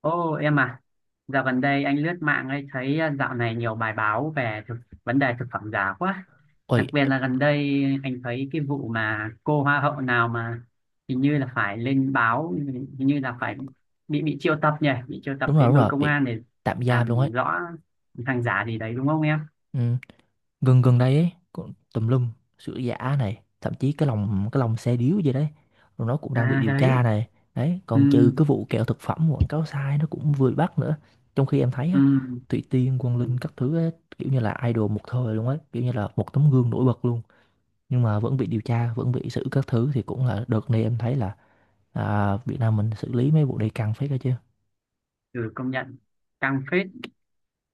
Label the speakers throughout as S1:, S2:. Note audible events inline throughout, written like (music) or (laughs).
S1: Ô em à, dạo gần đây anh lướt mạng ấy thấy dạo này nhiều bài báo về vấn đề thực phẩm giả quá.
S2: Ôi,
S1: Đặc biệt là gần đây anh thấy cái vụ mà cô hoa hậu nào mà hình như là phải lên báo, hình như là phải bị triệu tập nhỉ, bị triệu tập đến
S2: đúng
S1: đồn
S2: rồi,
S1: công
S2: bị
S1: an để
S2: tạm giam luôn ấy.
S1: làm rõ hàng giả gì đấy đúng không em?
S2: Ừ. Gần gần đây ấy, cũng tùm lum, sữa giả này, thậm chí cái lòng xe điếu gì đấy, rồi nó cũng đang bị
S1: À
S2: điều
S1: đấy,
S2: tra này. Đấy,
S1: ừ,
S2: còn trừ cái vụ kẹo thực phẩm quảng cáo sai nó cũng vừa bị bắt nữa. Trong khi em thấy
S1: ừ,
S2: á, Thủy Tiên, Quang Linh các thứ ấy, kiểu như là idol một thời luôn ấy, kiểu như là một tấm gương nổi bật luôn. Nhưng mà vẫn bị điều tra, vẫn bị xử các thứ thì cũng là đợt này em thấy là Việt Nam mình xử lý mấy vụ này căng phết đó chứ.
S1: ừ, công nhận căng phết.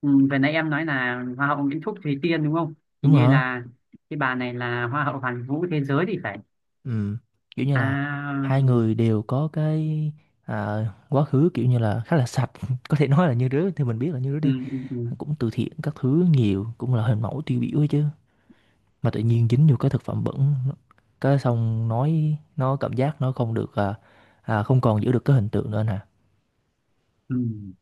S1: Ừ, vừa nãy em nói là hoa hậu Nguyễn Thúc Thùy Tiên đúng không? Hình
S2: Đúng
S1: như
S2: rồi.
S1: là cái bà này là hoa hậu hoàn vũ thế giới thì phải.
S2: Ừ, kiểu như là
S1: À,
S2: hai người đều có cái quá khứ kiểu như là khá là sạch, (laughs) có thể nói là như đứa thì mình biết là như đứa
S1: ừ,
S2: đi
S1: ừ, ừ.
S2: cũng từ thiện các thứ nhiều, cũng là hình mẫu tiêu biểu ấy chứ, mà tự nhiên dính vô cái thực phẩm bẩn, cái xong nói nó cảm giác nó không được, không còn giữ được cái hình tượng nữa nè.
S1: Ừ.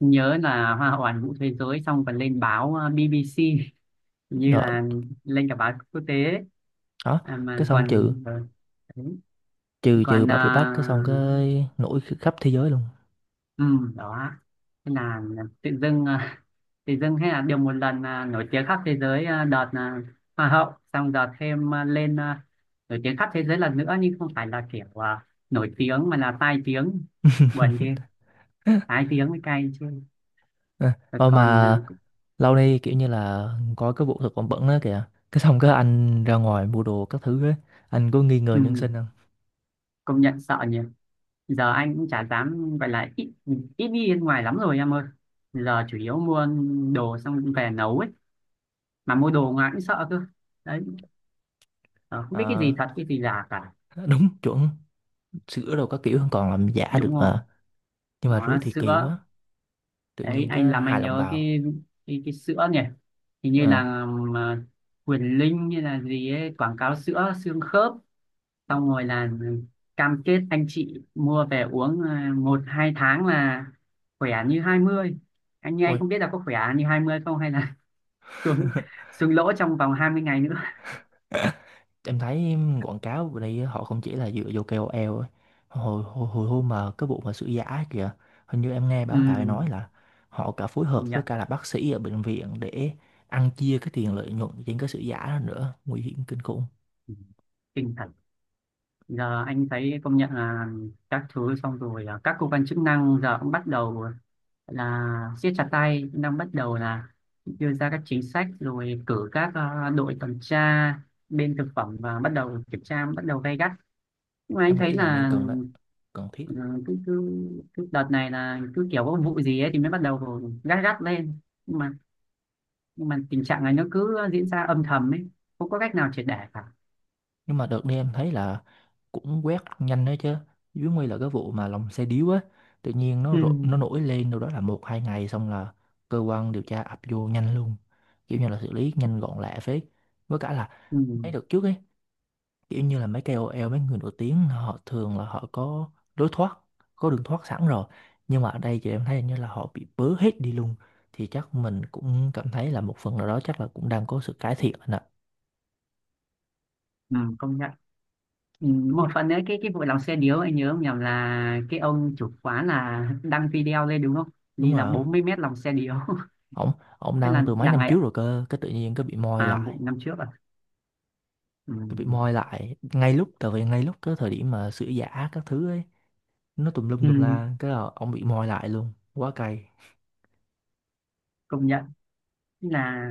S1: Nhớ là hoa hậu hoàn vũ thế giới xong còn lên báo BBC hình như
S2: Đó,
S1: là lên cả báo quốc tế ấy.
S2: đó.
S1: À,
S2: Cái
S1: mà
S2: xong trừ
S1: còn ừ, đấy.
S2: trừ trừ
S1: Còn ờ,
S2: bà bị bắt cái xong cái nổi khắp thế giới luôn.
S1: ừ, đó, thế là tự dưng tự dưng hay là được một lần nổi tiếng khắp thế giới đợt hoa hậu xong đợt thêm lên nổi tiếng khắp thế giới lần nữa nhưng không phải là kiểu nổi tiếng mà là tai tiếng, buồn ghê,
S2: (laughs)
S1: tai tiếng mới cay chứ.
S2: À,
S1: Rồi
S2: ờ
S1: còn
S2: mà
S1: à,
S2: lâu nay kiểu như là có cái vụ thực phẩm bẩn đó kìa. Cái xong cái anh ra ngoài mua đồ các thứ á, anh có nghi ngờ nhân
S1: ừ,
S2: sinh không?
S1: công nhận sợ nhỉ, giờ anh cũng chả dám gọi là ít ít đi bên ngoài lắm rồi em ơi. Giờ chủ yếu mua đồ xong về nấu ấy, mà mua đồ ngoài cũng sợ cơ. Đấy. Ờ, không biết cái
S2: Ờ,
S1: gì thật cái gì giả cả.
S2: (laughs) đúng chuẩn, sữa đồ các kiểu còn làm giả
S1: Đúng
S2: được
S1: rồi,
S2: mà. Nhưng mà
S1: đó
S2: rứa
S1: là
S2: thì kỳ
S1: sữa.
S2: quá. Tự
S1: Đấy
S2: nhiên
S1: anh
S2: cái
S1: làm anh
S2: hài lòng
S1: nhớ
S2: bào.
S1: cái, cái sữa nhỉ, hình như
S2: Ờ,
S1: là Quyền Linh như là gì ấy quảng cáo sữa xương khớp,
S2: đúng.
S1: xong rồi là cam kết anh chị mua về uống một hai tháng là khỏe như hai mươi. Anh như anh
S2: Ôi.
S1: không biết là có khỏe như 20 không hay là (laughs) xuống,
S2: (laughs)
S1: xuống lỗ trong vòng 20 ngày nữa.
S2: Em thấy quảng cáo bên đây họ không chỉ là dựa vô KOL ấy. Hồi hồi hồi hôm mà cái vụ mà sữa giả kìa, hình như em nghe báo đài
S1: Ừ,
S2: nói là họ cả phối
S1: công
S2: hợp với
S1: nhận.
S2: cả là bác sĩ ở bệnh viện để ăn chia cái tiền lợi nhuận trên cái sữa giả đó nữa, nguy hiểm kinh khủng.
S1: Ừ, kinh thật. Giờ anh thấy công nhận là các thứ xong rồi các cơ quan chức năng giờ cũng bắt đầu là siết chặt tay, cũng đang bắt đầu là đưa ra các chính sách rồi cử các đội tuần tra bên thực phẩm và bắt đầu kiểm tra bắt đầu gay gắt, nhưng mà anh
S2: Em nghĩ
S1: thấy
S2: là nên
S1: là
S2: cần đó, cần thiết.
S1: ừ, cứ, cứ, cứ đợt này là cứ kiểu có vụ gì ấy thì mới bắt đầu gắt gắt lên, nhưng mà nhưng mà tình trạng này nó cứ diễn ra âm thầm ấy, không có cách nào triệt để cả.
S2: Nhưng mà đợt đi em thấy là cũng quét nhanh đấy chứ, dưới nguy là cái vụ mà lòng xe điếu á, tự nhiên nó
S1: Ừ.
S2: rộ, nó nổi lên đâu đó là một hai ngày xong là cơ quan điều tra ập vô nhanh luôn, kiểu như là xử lý nhanh gọn lẹ phết. Với cả là
S1: Ừ,
S2: mấy đợt trước ấy, kiểu như là mấy KOL mấy người nổi tiếng họ thường là họ có lối thoát, có đường thoát sẵn rồi, nhưng mà ở đây thì em thấy hình như là họ bị bớ hết đi luôn, thì chắc mình cũng cảm thấy là một phần nào đó chắc là cũng đang có sự cải thiện anh ạ.
S1: ừ, công nhận. Ừ, một phần nữa cái vụ lòng xe điếu anh nhớ không nhầm là cái ông chủ quán là đăng video lên đúng không,
S2: Đúng
S1: như là
S2: rồi.
S1: 40 mét lòng xe điếu. (laughs)
S2: Ổng ổng
S1: Thế
S2: đăng
S1: là
S2: từ mấy
S1: đằng
S2: năm
S1: này
S2: trước rồi cơ, cái tự nhiên cái bị moi
S1: à,
S2: lại,
S1: vụ năm trước à. Ừ.
S2: cái bị moi lại ngay lúc, tại vì ngay lúc cái thời điểm mà sữa giả các thứ ấy nó tùm lum
S1: Ừ,
S2: tùm la, cái là ổng bị moi lại luôn, quá cay.
S1: công nhận là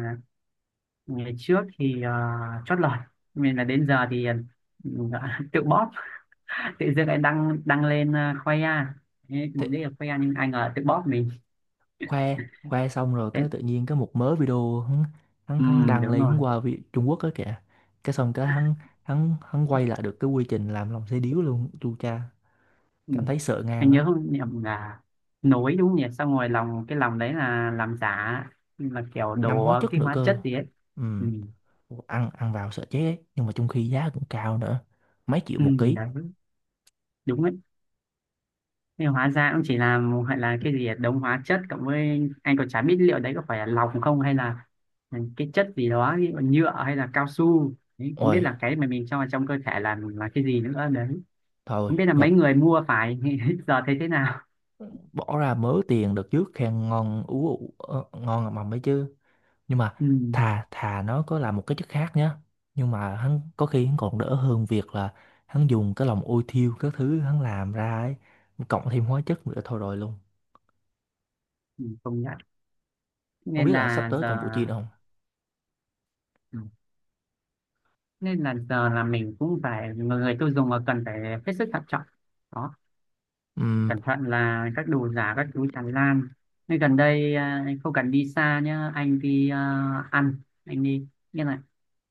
S1: ngày trước thì ờ, chót lọt mình là đến giờ thì ừ, (laughs) tự bóp. (laughs) Tự dưng lại đăng đăng lên ờ, khoe ra. Thế,
S2: Thế
S1: mục đích là khoe ra nhưng ai ngờ tự bóp mình.
S2: khoe khoe xong rồi cái
S1: Thế,
S2: tự nhiên cái một mớ video hắn hắn,
S1: ừ,
S2: hắn đăng
S1: đúng
S2: lên,
S1: rồi.
S2: hắn qua Trung Quốc á kìa, cái xong cái hắn hắn hắn quay lại được cái quy trình làm lòng xe điếu luôn, chu cha
S1: Ừ.
S2: cảm thấy sợ
S1: Anh
S2: ngang á.
S1: nhớ không nhầm là nối đúng không nhỉ? Xong rồi lòng, cái lòng đấy là làm giả, là kiểu
S2: Ngâm
S1: đổ
S2: hóa chất
S1: cái
S2: nữa
S1: hóa
S2: cơ.
S1: chất gì ấy.
S2: Ừ,
S1: Ừ.
S2: ăn ăn vào sợ chết ấy. Nhưng mà trong khi giá cũng cao nữa, mấy triệu
S1: Ừ,
S2: một ký.
S1: đấy, đúng ấy. Nhưng hóa ra cũng chỉ là một- hay là cái gì ấy, đống hóa chất cộng với anh còn chả biết liệu đấy có phải là lòng không hay là cái chất gì đó ví dụ nhựa hay là cao su. Đấy, không biết
S2: Ôi,
S1: là cái mà mình cho vào trong cơ thể là cái gì nữa đấy.
S2: thôi,
S1: Không biết là
S2: nhập
S1: mấy người mua phải (laughs) giờ thấy thế nào.
S2: bỏ ra mớ tiền đợt trước khen ngon ú ụ, ờ, ngon ngậm mầm ấy chứ. Nhưng mà
S1: Ừ.
S2: thà thà nó có làm một cái chất khác nhá. Nhưng mà hắn có khi hắn còn đỡ hơn việc là hắn dùng cái lòng ôi thiêu các thứ hắn làm ra ấy, cộng thêm hóa chất nữa, thôi rồi luôn.
S1: Ừ, công nhận.
S2: Không
S1: Nên
S2: biết là sắp
S1: là
S2: tới
S1: giờ
S2: còn vụ chi nữa không?
S1: ừ, nên là giờ là mình cũng phải người tiêu dùng mà cần phải hết sức thận trọng. Đó,
S2: Ừm,
S1: cẩn thận là các đồ giả các thứ tràn lan, nên gần đây à, anh không cần đi xa nhá, anh đi à, ăn, anh đi như này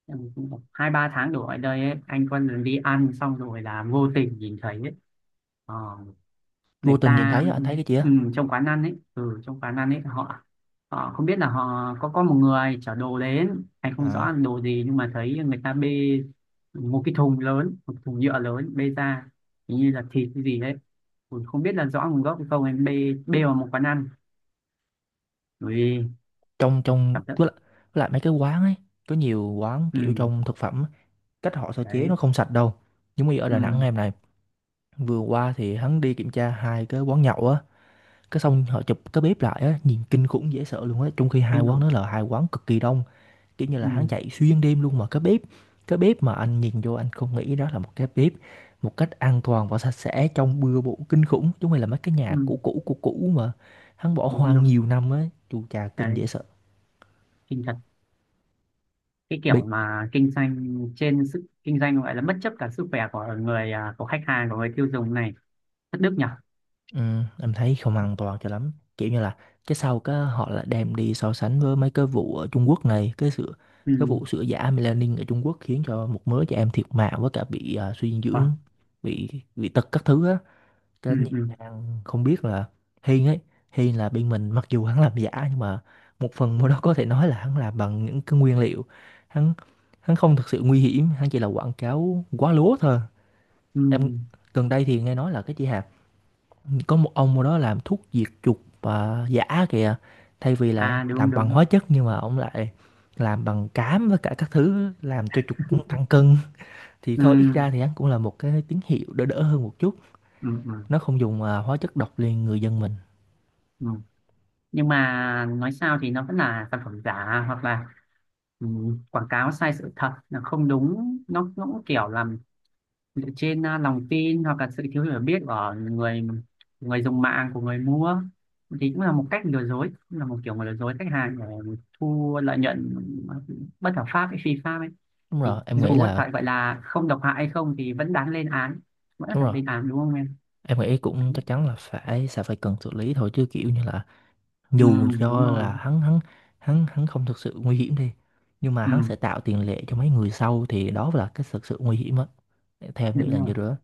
S1: ừ, cũng khoảng 2 3 tháng đổ lại đây ấy, anh có lần đi ăn xong rồi là vô tình nhìn thấy ấy. Ờ,
S2: vô
S1: người
S2: tình nhìn
S1: ta
S2: thấy á, anh thấy cái gì á?
S1: ừ, trong quán ăn ấy, ừ, trong quán ăn ấy họ, họ không biết là họ có một người chở đồ đến, anh không rõ là
S2: À,
S1: đồ gì nhưng mà thấy người ta bê một cái thùng lớn, một thùng nhựa lớn bê ra, hình như là thịt cái gì đấy. Ui, không biết là rõ nguồn gốc hay không, em bê bê vào một quán ăn. Ui,
S2: trong trong
S1: cảm giác
S2: với lại mấy cái quán ấy, có nhiều quán kiểu
S1: ừ,
S2: trong thực phẩm á, cách họ sơ chế
S1: đấy,
S2: nó không sạch đâu. Giống như ở
S1: ừ,
S2: Đà Nẵng em này, vừa qua thì hắn đi kiểm tra hai cái quán nhậu á, cái xong họ chụp cái bếp lại á, nhìn kinh khủng dễ sợ luôn á, trong khi hai
S1: kinh
S2: quán
S1: khủng.
S2: đó là hai quán cực kỳ đông, kiểu như là
S1: Ừ,
S2: hắn chạy xuyên đêm luôn, mà cái bếp mà anh nhìn vô anh không nghĩ đó là một cái bếp một cách an toàn và sạch sẽ, trong bừa bộn kinh khủng, chúng mày là mấy cái
S1: ừ,
S2: nhà cũ cũ cũ cũ mà hắn bỏ
S1: đúng
S2: hoang
S1: đúng.
S2: nhiều năm á, chu cha kinh
S1: Đấy,
S2: dễ sợ.
S1: kinh thật. Cái kiểu mà kinh doanh trên sức, kinh doanh gọi là bất chấp cả sức khỏe của người à, của khách hàng, của người tiêu dùng này, thất đức nhỉ.
S2: Ừ, em thấy không an toàn cho lắm, kiểu như là cái sau cái họ lại đem đi so sánh với mấy cái vụ ở Trung Quốc này, cái sự, cái
S1: Ừ.
S2: vụ sữa giả melanin ở Trung Quốc khiến cho một mớ trẻ em thiệt mạng với cả bị suy dinh dưỡng,
S1: Vâng.
S2: bị bị tật các thứ á,
S1: Ừ,
S2: cái nhị
S1: ừ,
S2: đang không biết là Hiên ấy, Hiên là bên mình mặc dù hắn làm giả nhưng mà một phần mua đó có thể nói là hắn làm bằng những cái nguyên liệu, hắn hắn không thực sự nguy hiểm, hắn chỉ là quảng cáo quá lố thôi.
S1: ừ.
S2: Em gần đây thì nghe nói là cái chị Hà có một ông ở đó làm thuốc diệt chuột và giả kìa. Thay vì là
S1: À
S2: làm
S1: đúng
S2: bằng hóa
S1: đúng.
S2: chất nhưng mà ông lại làm bằng cám với cả các thứ làm cho chuột cũng tăng cân. Thì
S1: Ừ.
S2: thôi ít ra thì hắn cũng là một cái tín hiệu đỡ đỡ hơn một chút.
S1: Ừ, ừ,
S2: Nó không dùng hóa chất độc lên người dân mình.
S1: ừ. Nhưng mà nói sao thì nó vẫn là sản phẩm giả hoặc là ừ, quảng cáo sai sự thật là không đúng, nó cũng kiểu làm dựa trên à, lòng tin hoặc là sự thiếu hiểu biết của người người dùng mạng, của người mua, thì cũng là một cách lừa dối, cũng là một kiểu mà lừa dối khách hàng để thu lợi nhuận bất hợp pháp hay phi pháp ấy,
S2: Đúng
S1: thì
S2: rồi, em nghĩ
S1: dù có
S2: là
S1: thể gọi là không độc hại hay không thì vẫn đáng lên án, vẫn
S2: đúng
S1: phải
S2: rồi.
S1: lên án đúng không em.
S2: Em nghĩ
S1: Đấy.
S2: cũng chắc chắn là phải sẽ phải cần xử lý thôi, chứ kiểu như là
S1: Ừ,
S2: dù
S1: đúng
S2: cho là
S1: rồi.
S2: hắn hắn hắn hắn không thực sự nguy hiểm đi, nhưng mà hắn
S1: Ừ,
S2: sẽ tạo tiền lệ cho mấy người sau thì đó là cái thực sự nguy hiểm á, theo em nghĩ
S1: đúng
S2: là như
S1: rồi.
S2: đó.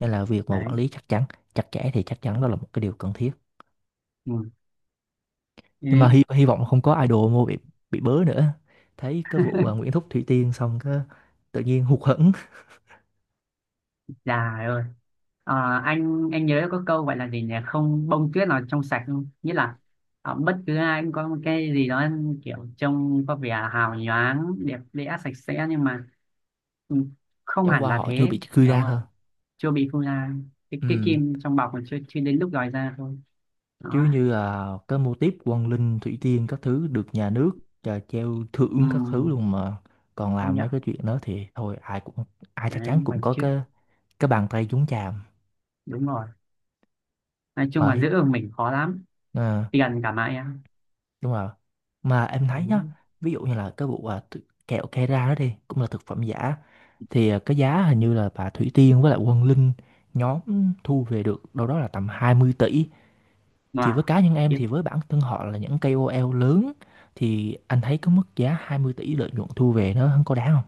S2: Nên là việc mà
S1: Đấy.
S2: quản lý chắc chắn chặt chẽ thì chắc chắn đó là một cái điều cần thiết.
S1: Ừ.
S2: Nhưng mà
S1: Đấy.
S2: hy vọng không có idol mua bị bớ nữa. Thấy cái vụ Nguyễn Thúc Thủy Tiên xong cái tự nhiên hụt hẫng.
S1: Dạ ơi. Ờ, anh nhớ có câu gọi là gì nhỉ, không bông tuyết nào trong sạch, không nghĩa là ờ, bất cứ ai cũng có một cái gì đó kiểu trông có vẻ hào nhoáng đẹp đẽ sạch sẽ nhưng mà ừ, không
S2: Chẳng
S1: hẳn
S2: qua
S1: là
S2: họ chưa
S1: thế,
S2: bị truy
S1: đúng
S2: ra
S1: rồi.
S2: thôi.
S1: Chưa bị phun ra, cái,
S2: Ừ,
S1: cái kim trong bọc còn chưa chưa đến lúc lòi ra thôi.
S2: chứ
S1: Đó.
S2: như là cái mô típ Quang Linh Thủy Tiên các thứ được nhà nước trà treo thưởng các thứ
S1: Ừm,
S2: luôn mà còn
S1: công
S2: làm mấy
S1: nhận.
S2: cái chuyện đó thì thôi ai cũng, ai chắc chắn
S1: Đấy
S2: cũng
S1: còn
S2: có
S1: chứ,
S2: cái bàn tay nhúng chàm.
S1: đúng rồi, nói chung
S2: mà
S1: là
S2: hi-
S1: giữ được mình khó lắm,
S2: ờ,
S1: tiền cả mãi em.
S2: Đúng rồi. Mà em thấy nhá,
S1: Đấy.
S2: ví dụ như là cái vụ kẹo Kera đó đi, cũng là thực phẩm giả, thì à, cái giá hình như là bà Thủy Tiên với lại Quang Linh nhóm thu về được đâu đó là tầm 20 tỷ. Thì
S1: Rồi
S2: với cá nhân em
S1: tiếp,
S2: thì với bản thân họ là những KOL lớn, thì anh thấy cái mức giá 20 tỷ lợi nhuận thu về nó không có đáng không?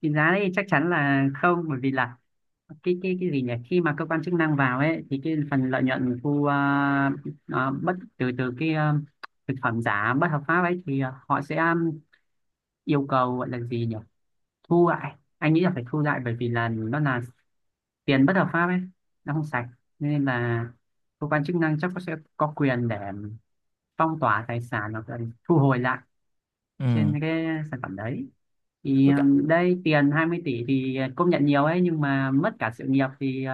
S1: định giá đấy chắc chắn là không, bởi vì là cái cái gì nhỉ, khi mà cơ quan chức năng vào ấy thì cái phần lợi nhuận thu bất từ từ cái ờ, thực phẩm giả bất hợp pháp ấy thì ờ, họ sẽ ờ, yêu cầu gọi là gì nhỉ, thu lại, anh nghĩ là phải thu lại bởi vì là nó là tiền bất hợp pháp ấy, nó không sạch, nên là cơ quan chức năng chắc có sẽ có quyền để phong tỏa tài sản hoặc là thu hồi lại trên
S2: Ừ,
S1: cái sản phẩm đấy, thì
S2: với cả
S1: đây tiền 20 tỷ thì à, công nhận nhiều ấy, nhưng mà mất cả sự nghiệp thì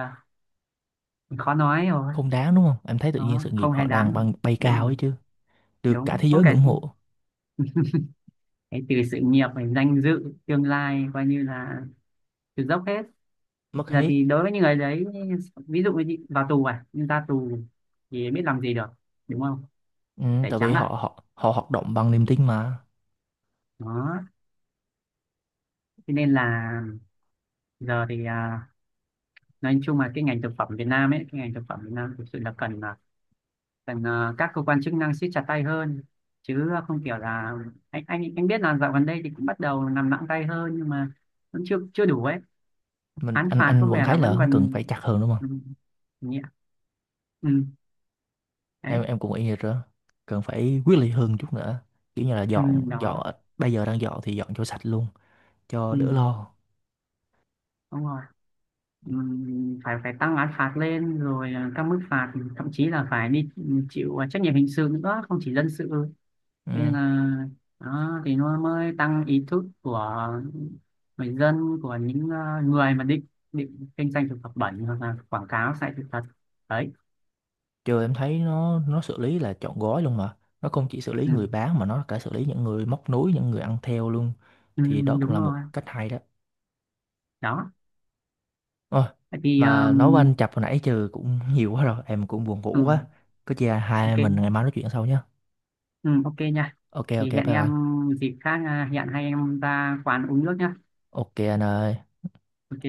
S1: khó nói rồi.
S2: không đáng đúng không? Em thấy tự nhiên
S1: Nó
S2: sự nghiệp
S1: không hề
S2: họ đang
S1: đáng,
S2: băng bay
S1: đúng
S2: cao
S1: rồi,
S2: ấy chứ, được cả
S1: đúng
S2: thế
S1: không
S2: giới
S1: kể
S2: ngưỡng mộ,
S1: cái từ sự nghiệp này, danh dự, tương lai coi như là từ dốc hết.
S2: mất
S1: Giờ
S2: hết.
S1: thì đối với những người đấy, ví dụ như vào tù à, nhưng ra tù thì biết làm gì được, đúng không,
S2: Ừ,
S1: tẩy
S2: tại vì
S1: trắng
S2: họ
S1: à.
S2: họ họ hoạt động bằng
S1: Đó.
S2: niềm tin mà.
S1: Đó. Thế nên là giờ thì à, nói chung là cái ngành thực phẩm Việt Nam ấy, cái ngành thực phẩm Việt Nam thực sự là cần à, rằng ờ, các cơ quan chức năng siết chặt tay hơn chứ ờ, không kiểu là anh biết là dạo gần đây thì cũng bắt đầu làm nặng tay hơn nhưng mà vẫn chưa chưa đủ ấy,
S2: Mình
S1: án
S2: anh
S1: phạt có
S2: anh vẫn
S1: vẻ là
S2: thấy là
S1: vẫn
S2: không cần
S1: còn
S2: phải chặt hơn đúng
S1: ừ,
S2: không?
S1: nhẹ. Ừ,
S2: Em
S1: đấy.
S2: em cũng y như đó. Cần phải quyết liệt hơn chút nữa. Kiểu như là
S1: Ừ,
S2: dọn
S1: đó.
S2: dọn bây giờ đang dọn thì dọn cho sạch luôn cho đỡ
S1: Ừ,
S2: lo.
S1: đúng rồi. Ừ, phải phải tăng án phạt lên rồi ờ, các mức phạt thậm chí là phải đi chịu à, trách nhiệm hình sự nữa, không chỉ dân sự. Thế nên
S2: Ừ.
S1: là đó, thì nó mới tăng ý thức của người dân, của những ờ, người mà định định kinh doanh thực phẩm bẩn hoặc là quảng cáo sai sự thật. Đấy.
S2: Chưa em thấy nó xử lý là trọn gói luôn mà. Nó không chỉ xử lý
S1: Ừ.
S2: người bán mà nó cả xử lý những người móc nối, những người ăn theo luôn.
S1: Ừ,
S2: Thì đó cũng
S1: đúng
S2: là
S1: rồi.
S2: một cách hay đó.
S1: Đó.
S2: Ôi,
S1: Vậy thì
S2: mà nói với anh Chập hồi nãy trừ cũng (laughs) nhiều quá rồi, em cũng buồn
S1: ừ,
S2: ngủ quá. Có chi hai anh em mình ngày
S1: ok,
S2: mai nói chuyện sau nhé.
S1: ừ, ok nha,
S2: Ok ok
S1: thì
S2: bye
S1: hẹn em
S2: bye.
S1: dịp khác à, hẹn hai em ra quán uống nước nhá.
S2: Ok anh ơi.
S1: Ok.